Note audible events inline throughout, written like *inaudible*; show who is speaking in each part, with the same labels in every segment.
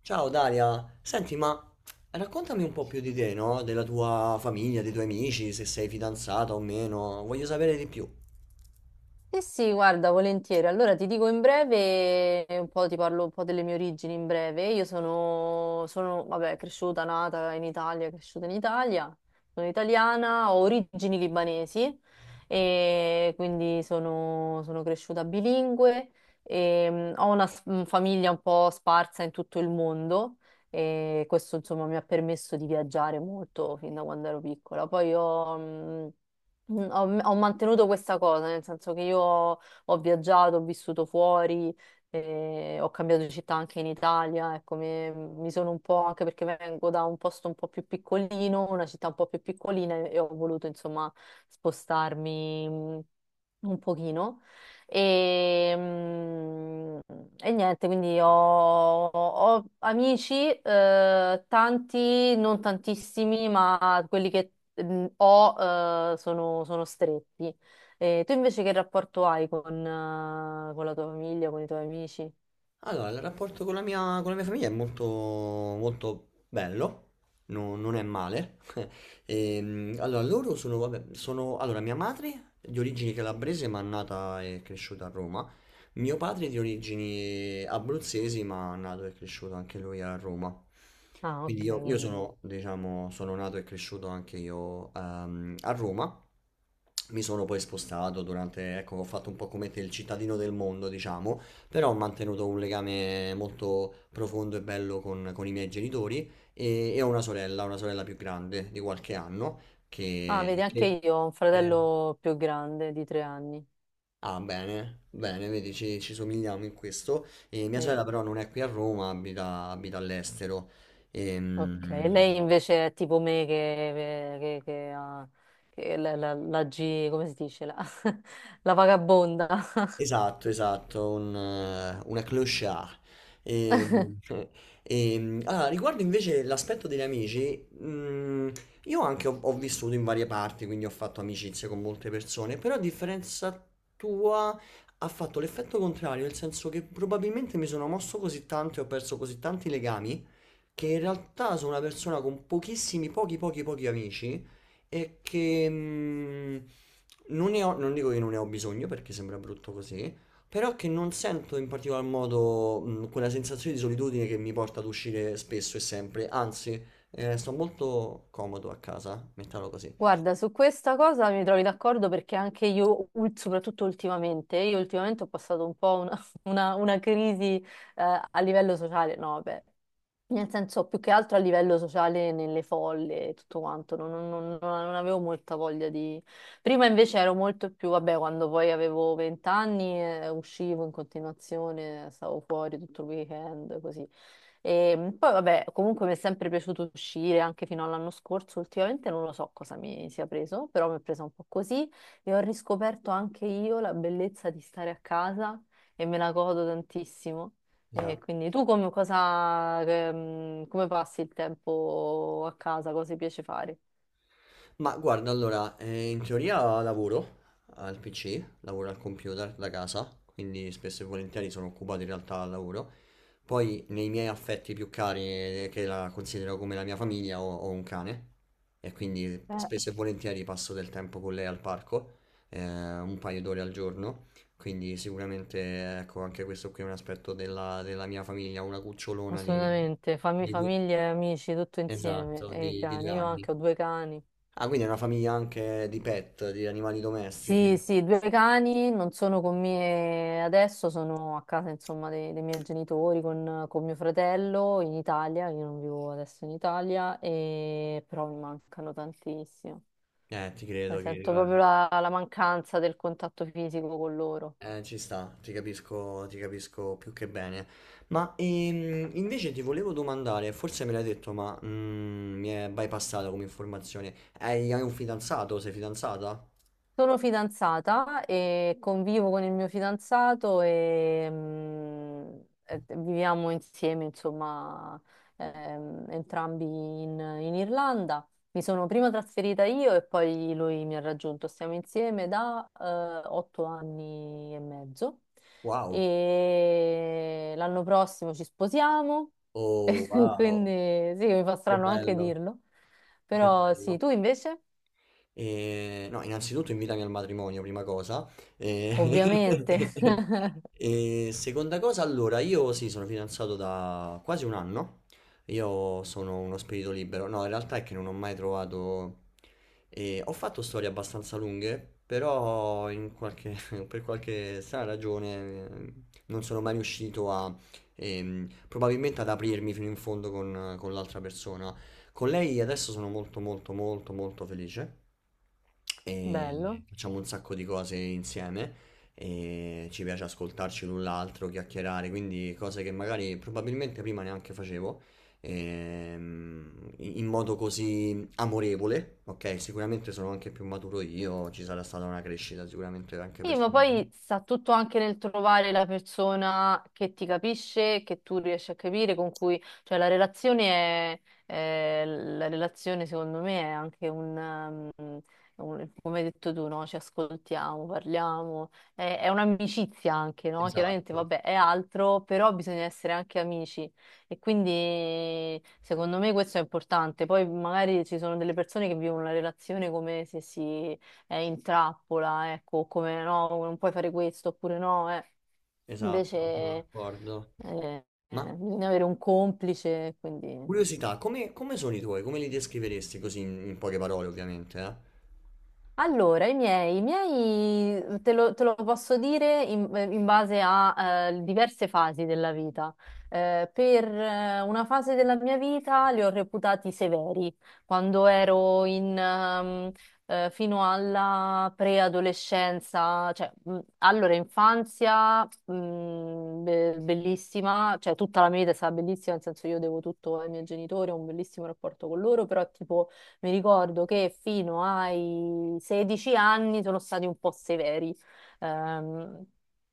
Speaker 1: Ciao Daria, senti, ma raccontami un po' più di te, no? Della tua famiglia, dei tuoi amici, se sei fidanzata o meno, voglio sapere di più.
Speaker 2: Sì, sì, guarda, volentieri. Allora ti dico in breve, un po' ti parlo un po' delle mie origini in breve. Io sono, vabbè, cresciuta, nata in Italia, cresciuta in Italia, sono italiana, ho origini libanesi e quindi sono cresciuta bilingue e ho una famiglia un po' sparsa in tutto il mondo e questo insomma mi ha permesso di viaggiare molto fin da quando ero piccola. Poi ho mantenuto questa cosa, nel senso che io ho viaggiato, ho vissuto fuori, ho cambiato città anche in Italia, ecco, mi sono un po', anche perché vengo da un posto un po' più piccolino, una città un po' più piccolina e ho voluto insomma spostarmi un pochino. E, mm, e niente, quindi ho amici, tanti, non tantissimi, ma quelli che mm, o sono stretti. Tu invece che rapporto hai con la tua famiglia, con i tuoi amici?
Speaker 1: Allora, il rapporto con la mia famiglia è molto, molto bello, non è male. *laughs* Allora, loro sono, vabbè, sono, allora, mia madre di origini calabrese ma nata e cresciuta a Roma, mio padre di origini abruzzesi ma nato e cresciuto anche lui a Roma.
Speaker 2: Ah, ok,
Speaker 1: Quindi io,
Speaker 2: quindi.
Speaker 1: sono, diciamo, sono nato e cresciuto anche io a Roma. Mi sono poi spostato durante, ecco, ho fatto un po' come te il cittadino del mondo, diciamo però ho mantenuto un legame molto profondo e bello con, i miei genitori e ho una sorella più grande di qualche anno
Speaker 2: Ah,
Speaker 1: che...
Speaker 2: vedi, anche
Speaker 1: che-
Speaker 2: io ho un
Speaker 1: eh,
Speaker 2: fratello più grande di 3 anni.
Speaker 1: ah, bene, bene, vedi, ci somigliamo in questo. E mia
Speaker 2: Sì.
Speaker 1: sorella però non è qui a Roma, abita. All'estero.
Speaker 2: Ok, e
Speaker 1: Ehm,
Speaker 2: lei invece è tipo me che ha che la G, come si dice? La, *laughs* la vagabonda.
Speaker 1: Esatto, esatto, una clochard. E, e, *laughs* allora, riguardo invece l'aspetto degli amici, io anche ho vissuto in varie parti, quindi ho fatto amicizie con molte persone, però a differenza tua ha fatto l'effetto contrario, nel senso che probabilmente mi sono mosso così tanto e ho perso così tanti legami che in realtà sono una persona con pochissimi, pochi, pochi, pochi amici e che non dico che non ne ho bisogno perché sembra brutto così, però che non sento in particolar modo quella sensazione di solitudine che mi porta ad uscire spesso e sempre, anzi, sto molto comodo a casa, mettiamolo così.
Speaker 2: Guarda, su questa cosa mi trovi d'accordo perché anche io, soprattutto ultimamente, io ultimamente ho passato un po' una, *laughs* una crisi a livello sociale, no, vabbè, nel senso, più che altro a livello sociale nelle folle e tutto quanto, no, non avevo molta voglia di... Prima invece ero molto più, vabbè, quando poi avevo 20 anni uscivo in continuazione, stavo fuori tutto il weekend, così. E poi, vabbè, comunque mi è sempre piaciuto uscire, anche fino all'anno scorso, ultimamente non lo so cosa mi sia preso, però mi è presa un po' così e ho riscoperto anche io la bellezza di stare a casa e me la godo tantissimo.
Speaker 1: Mi
Speaker 2: E
Speaker 1: sa-
Speaker 2: quindi tu come, cosa, che, mm, come passi il tempo a casa? Cosa ti piace fare?
Speaker 1: Ma guarda, allora, in teoria lavoro al PC, lavoro al computer da casa, quindi spesso e volentieri sono occupato in realtà al lavoro. Poi nei miei affetti più cari, che la considero come la mia famiglia, ho, un cane e quindi
Speaker 2: Beh.
Speaker 1: spesso e volentieri passo del tempo con lei al parco, un paio d'ore al giorno. Quindi sicuramente, ecco, anche questo qui è un aspetto della, mia famiglia, una cucciolona di,
Speaker 2: Assolutamente, fami-
Speaker 1: di due,
Speaker 2: famiglia, e amici, tutto insieme.
Speaker 1: esatto,
Speaker 2: E i
Speaker 1: di due
Speaker 2: cani, io
Speaker 1: anni.
Speaker 2: anche ho 2 cani.
Speaker 1: Ah, quindi è una famiglia anche di pet, di animali
Speaker 2: Sì,
Speaker 1: domestici.
Speaker 2: sì, 2 cani non sono con me adesso, sono a casa insomma dei miei genitori con mio fratello in Italia, io non vivo adesso in Italia, e... però mi mancano tantissimo.
Speaker 1: Ti
Speaker 2: Ne
Speaker 1: credo che
Speaker 2: sento
Speaker 1: vabbè.
Speaker 2: proprio la mancanza del contatto fisico con loro.
Speaker 1: Ci sta, ti capisco più che bene. Ma invece ti volevo domandare, forse me l'hai detto, ma mi è bypassata come informazione. hai un fidanzato? Sei fidanzata?
Speaker 2: Sono fidanzata e convivo con il mio fidanzato e viviamo insieme, insomma, entrambi in Irlanda. Mi sono prima trasferita io e poi lui mi ha raggiunto. Stiamo insieme da 8 anni e mezzo
Speaker 1: Wow.
Speaker 2: e l'anno prossimo ci sposiamo,
Speaker 1: Oh,
Speaker 2: *laughs*
Speaker 1: wow.
Speaker 2: quindi sì, mi fa
Speaker 1: Che
Speaker 2: strano anche
Speaker 1: bello,
Speaker 2: dirlo,
Speaker 1: che
Speaker 2: però sì,
Speaker 1: bello.
Speaker 2: tu invece,
Speaker 1: No, innanzitutto invitami al matrimonio, prima cosa. Eh,
Speaker 2: ovviamente. *laughs*
Speaker 1: *laughs* e seconda cosa, allora, io sì, sono fidanzato da quasi un anno. Io sono uno spirito libero. No, in realtà è che non ho mai trovato. Ho fatto storie abbastanza lunghe, però *laughs* per qualche strana ragione non sono mai riuscito a. Probabilmente ad aprirmi fino in fondo con l'altra persona. Con lei adesso sono molto molto molto molto felice e
Speaker 2: Bello.
Speaker 1: facciamo un sacco di cose insieme e ci piace ascoltarci l'un l'altro, chiacchierare, quindi cose che magari probabilmente prima neanche facevo in modo così amorevole, ok? Sicuramente sono anche più maturo io, ci sarà stata una crescita sicuramente anche
Speaker 2: Sì, ma
Speaker 1: personale.
Speaker 2: poi sta tutto anche nel trovare la persona che ti capisce, che tu riesci a capire, con cui, cioè la relazione la relazione secondo me è anche come hai detto tu, no? Ci ascoltiamo, parliamo, è un'amicizia anche, no? Chiaramente,
Speaker 1: Esatto,
Speaker 2: vabbè, è altro, però bisogna essere anche amici e quindi secondo me questo è importante. Poi magari ci sono delle persone che vivono la relazione come se si in trappola, ecco, come no, non puoi fare questo oppure no, eh. Invece
Speaker 1: esatto, sono d'accordo.
Speaker 2: eh,
Speaker 1: Ma
Speaker 2: bisogna avere un complice, quindi...
Speaker 1: curiosità, come, sono i tuoi? Come li descriveresti così in poche parole, ovviamente, eh?
Speaker 2: Allora, i miei, te lo posso dire in base a diverse fasi della vita. Per una fase della mia vita li ho reputati severi, quando ero in, fino alla preadolescenza, cioè allora infanzia bellissima, cioè tutta la mia vita è stata bellissima, nel senso io devo tutto ai miei genitori, ho un bellissimo rapporto con loro, però tipo mi ricordo che fino ai 16 anni sono stati un po' severi. Ehm,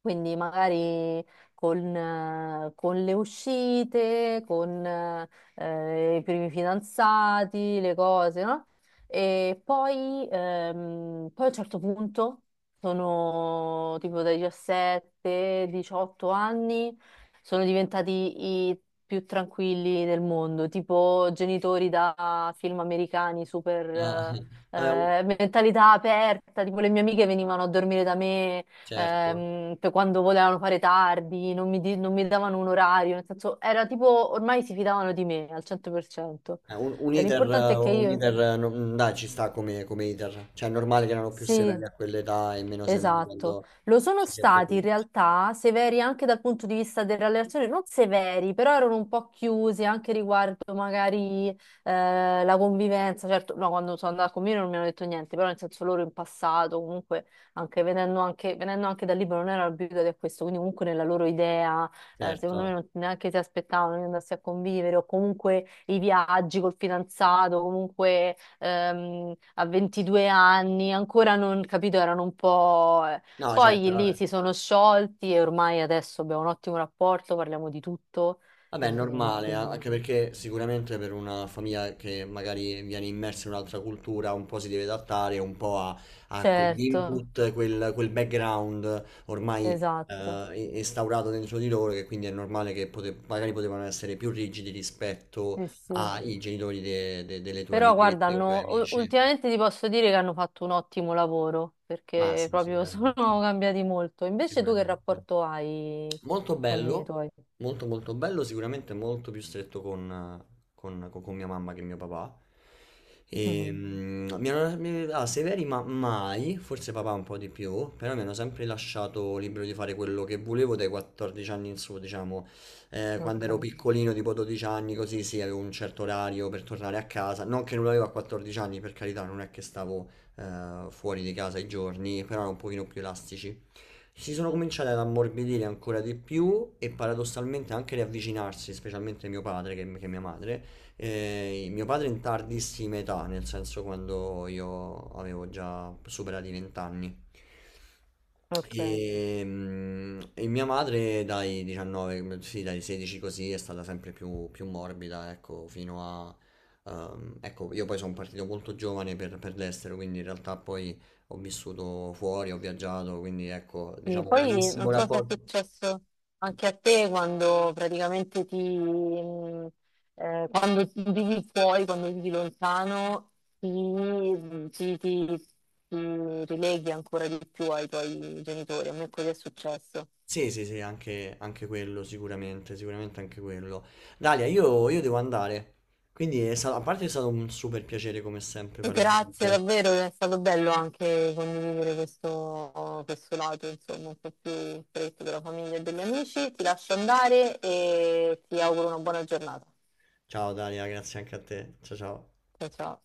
Speaker 2: quindi magari con le uscite, con i primi fidanzati, le cose, no? E poi, a un certo punto sono tipo dai 17, 18 anni sono diventati i più tranquilli del mondo, tipo genitori da film americani,
Speaker 1: Ah,
Speaker 2: super
Speaker 1: *laughs* eh,
Speaker 2: mentalità aperta, tipo le mie amiche venivano a dormire da me
Speaker 1: certo.
Speaker 2: per quando volevano fare tardi, non mi davano un orario, nel senso era tipo ormai si fidavano di me al 100%.
Speaker 1: Eh, Un, un iter, eh,
Speaker 2: L'importante è che
Speaker 1: un
Speaker 2: io...
Speaker 1: iter, non- dai, ci sta come iter. Cioè, è normale che erano più severi
Speaker 2: Sì,
Speaker 1: a quell'età e meno severi
Speaker 2: esatto,
Speaker 1: quando
Speaker 2: lo sono
Speaker 1: ci si è più
Speaker 2: stati in
Speaker 1: adulti.
Speaker 2: realtà severi anche dal punto di vista delle relazioni, non severi, però erano un po' chiusi anche riguardo magari la convivenza, certo, no, quando sono andata con me non mi hanno detto niente, però nel senso loro in passato comunque, venendo anche dal libro, non erano abituati a questo, quindi comunque nella loro idea, secondo me
Speaker 1: Certo.
Speaker 2: non, neanche si aspettavano di andarsi a convivere o comunque i viaggi col fidanzato, comunque a 22 anni, ancora non capito, erano un po'....
Speaker 1: No, certo,
Speaker 2: Poi
Speaker 1: vabbè.
Speaker 2: lì si sono sciolti e ormai adesso abbiamo un ottimo rapporto, parliamo di tutto,
Speaker 1: Vabbè, è
Speaker 2: e
Speaker 1: normale,
Speaker 2: quindi...
Speaker 1: anche perché sicuramente per una famiglia che magari viene immersa in un'altra cultura un po' si deve adattare un po' a, quegli
Speaker 2: Certo,
Speaker 1: input, quel background ormai
Speaker 2: esatto,
Speaker 1: instaurato dentro di loro, che quindi è normale che magari potevano essere più rigidi rispetto
Speaker 2: sì, sì.
Speaker 1: ai genitori delle tue
Speaker 2: Però guarda,
Speaker 1: amichette o tuoi amici.
Speaker 2: ultimamente ti posso dire che hanno fatto un ottimo lavoro,
Speaker 1: Ma
Speaker 2: perché
Speaker 1: sì,
Speaker 2: proprio *laughs* sono
Speaker 1: sicuramente,
Speaker 2: cambiati molto. Invece tu che
Speaker 1: sicuramente.
Speaker 2: rapporto hai
Speaker 1: Molto
Speaker 2: con i
Speaker 1: bello,
Speaker 2: tuoi?
Speaker 1: molto molto bello, sicuramente molto più stretto con, con mia mamma che mio papà. E,
Speaker 2: Mhm.
Speaker 1: mm, mi hanno, mi- ah, Severi ma mai, forse papà un po' di più, però mi hanno sempre lasciato libero di fare quello che volevo dai 14 anni in su, diciamo. Quando
Speaker 2: Ok,
Speaker 1: ero piccolino, tipo 12 anni, così sì, avevo un certo orario per tornare a casa. Non che non l'avevo a 14 anni, per carità, non è che stavo fuori di casa i giorni, però erano un pochino più elastici. Si sono cominciati ad ammorbidire ancora di più e paradossalmente anche riavvicinarsi, specialmente mio padre che, mia madre. Mio padre in tardissima età, nel senso quando io avevo già superato i 20 anni.
Speaker 2: ok.
Speaker 1: E mia madre dai 19, sì, dai 16 così è stata sempre più, morbida, ecco, fino a. Ecco, io poi sono partito molto giovane per l'estero, quindi in realtà poi ho vissuto fuori, ho viaggiato, quindi ecco,
Speaker 2: Sì,
Speaker 1: diciamo, un
Speaker 2: poi
Speaker 1: bellissimo
Speaker 2: non so se è
Speaker 1: rapporto.
Speaker 2: successo anche a te quando praticamente quando vivi fuori, quando vivi lontano, ti, mh, ti- ti- ti rileghi ancora di più ai tuoi genitori. A me così è successo.
Speaker 1: Sì, sì, sì, anche, quello, sicuramente, sicuramente anche quello. Dalia, io devo andare, quindi a parte è stato un super piacere come sempre parlare con
Speaker 2: Grazie
Speaker 1: te.
Speaker 2: davvero, è stato bello anche condividere questo lato, insomma, un po' più stretto della famiglia e degli amici. Ti lascio andare e ti auguro una buona giornata.
Speaker 1: Ciao Dalia, grazie anche a te. Ciao ciao.
Speaker 2: Ciao ciao.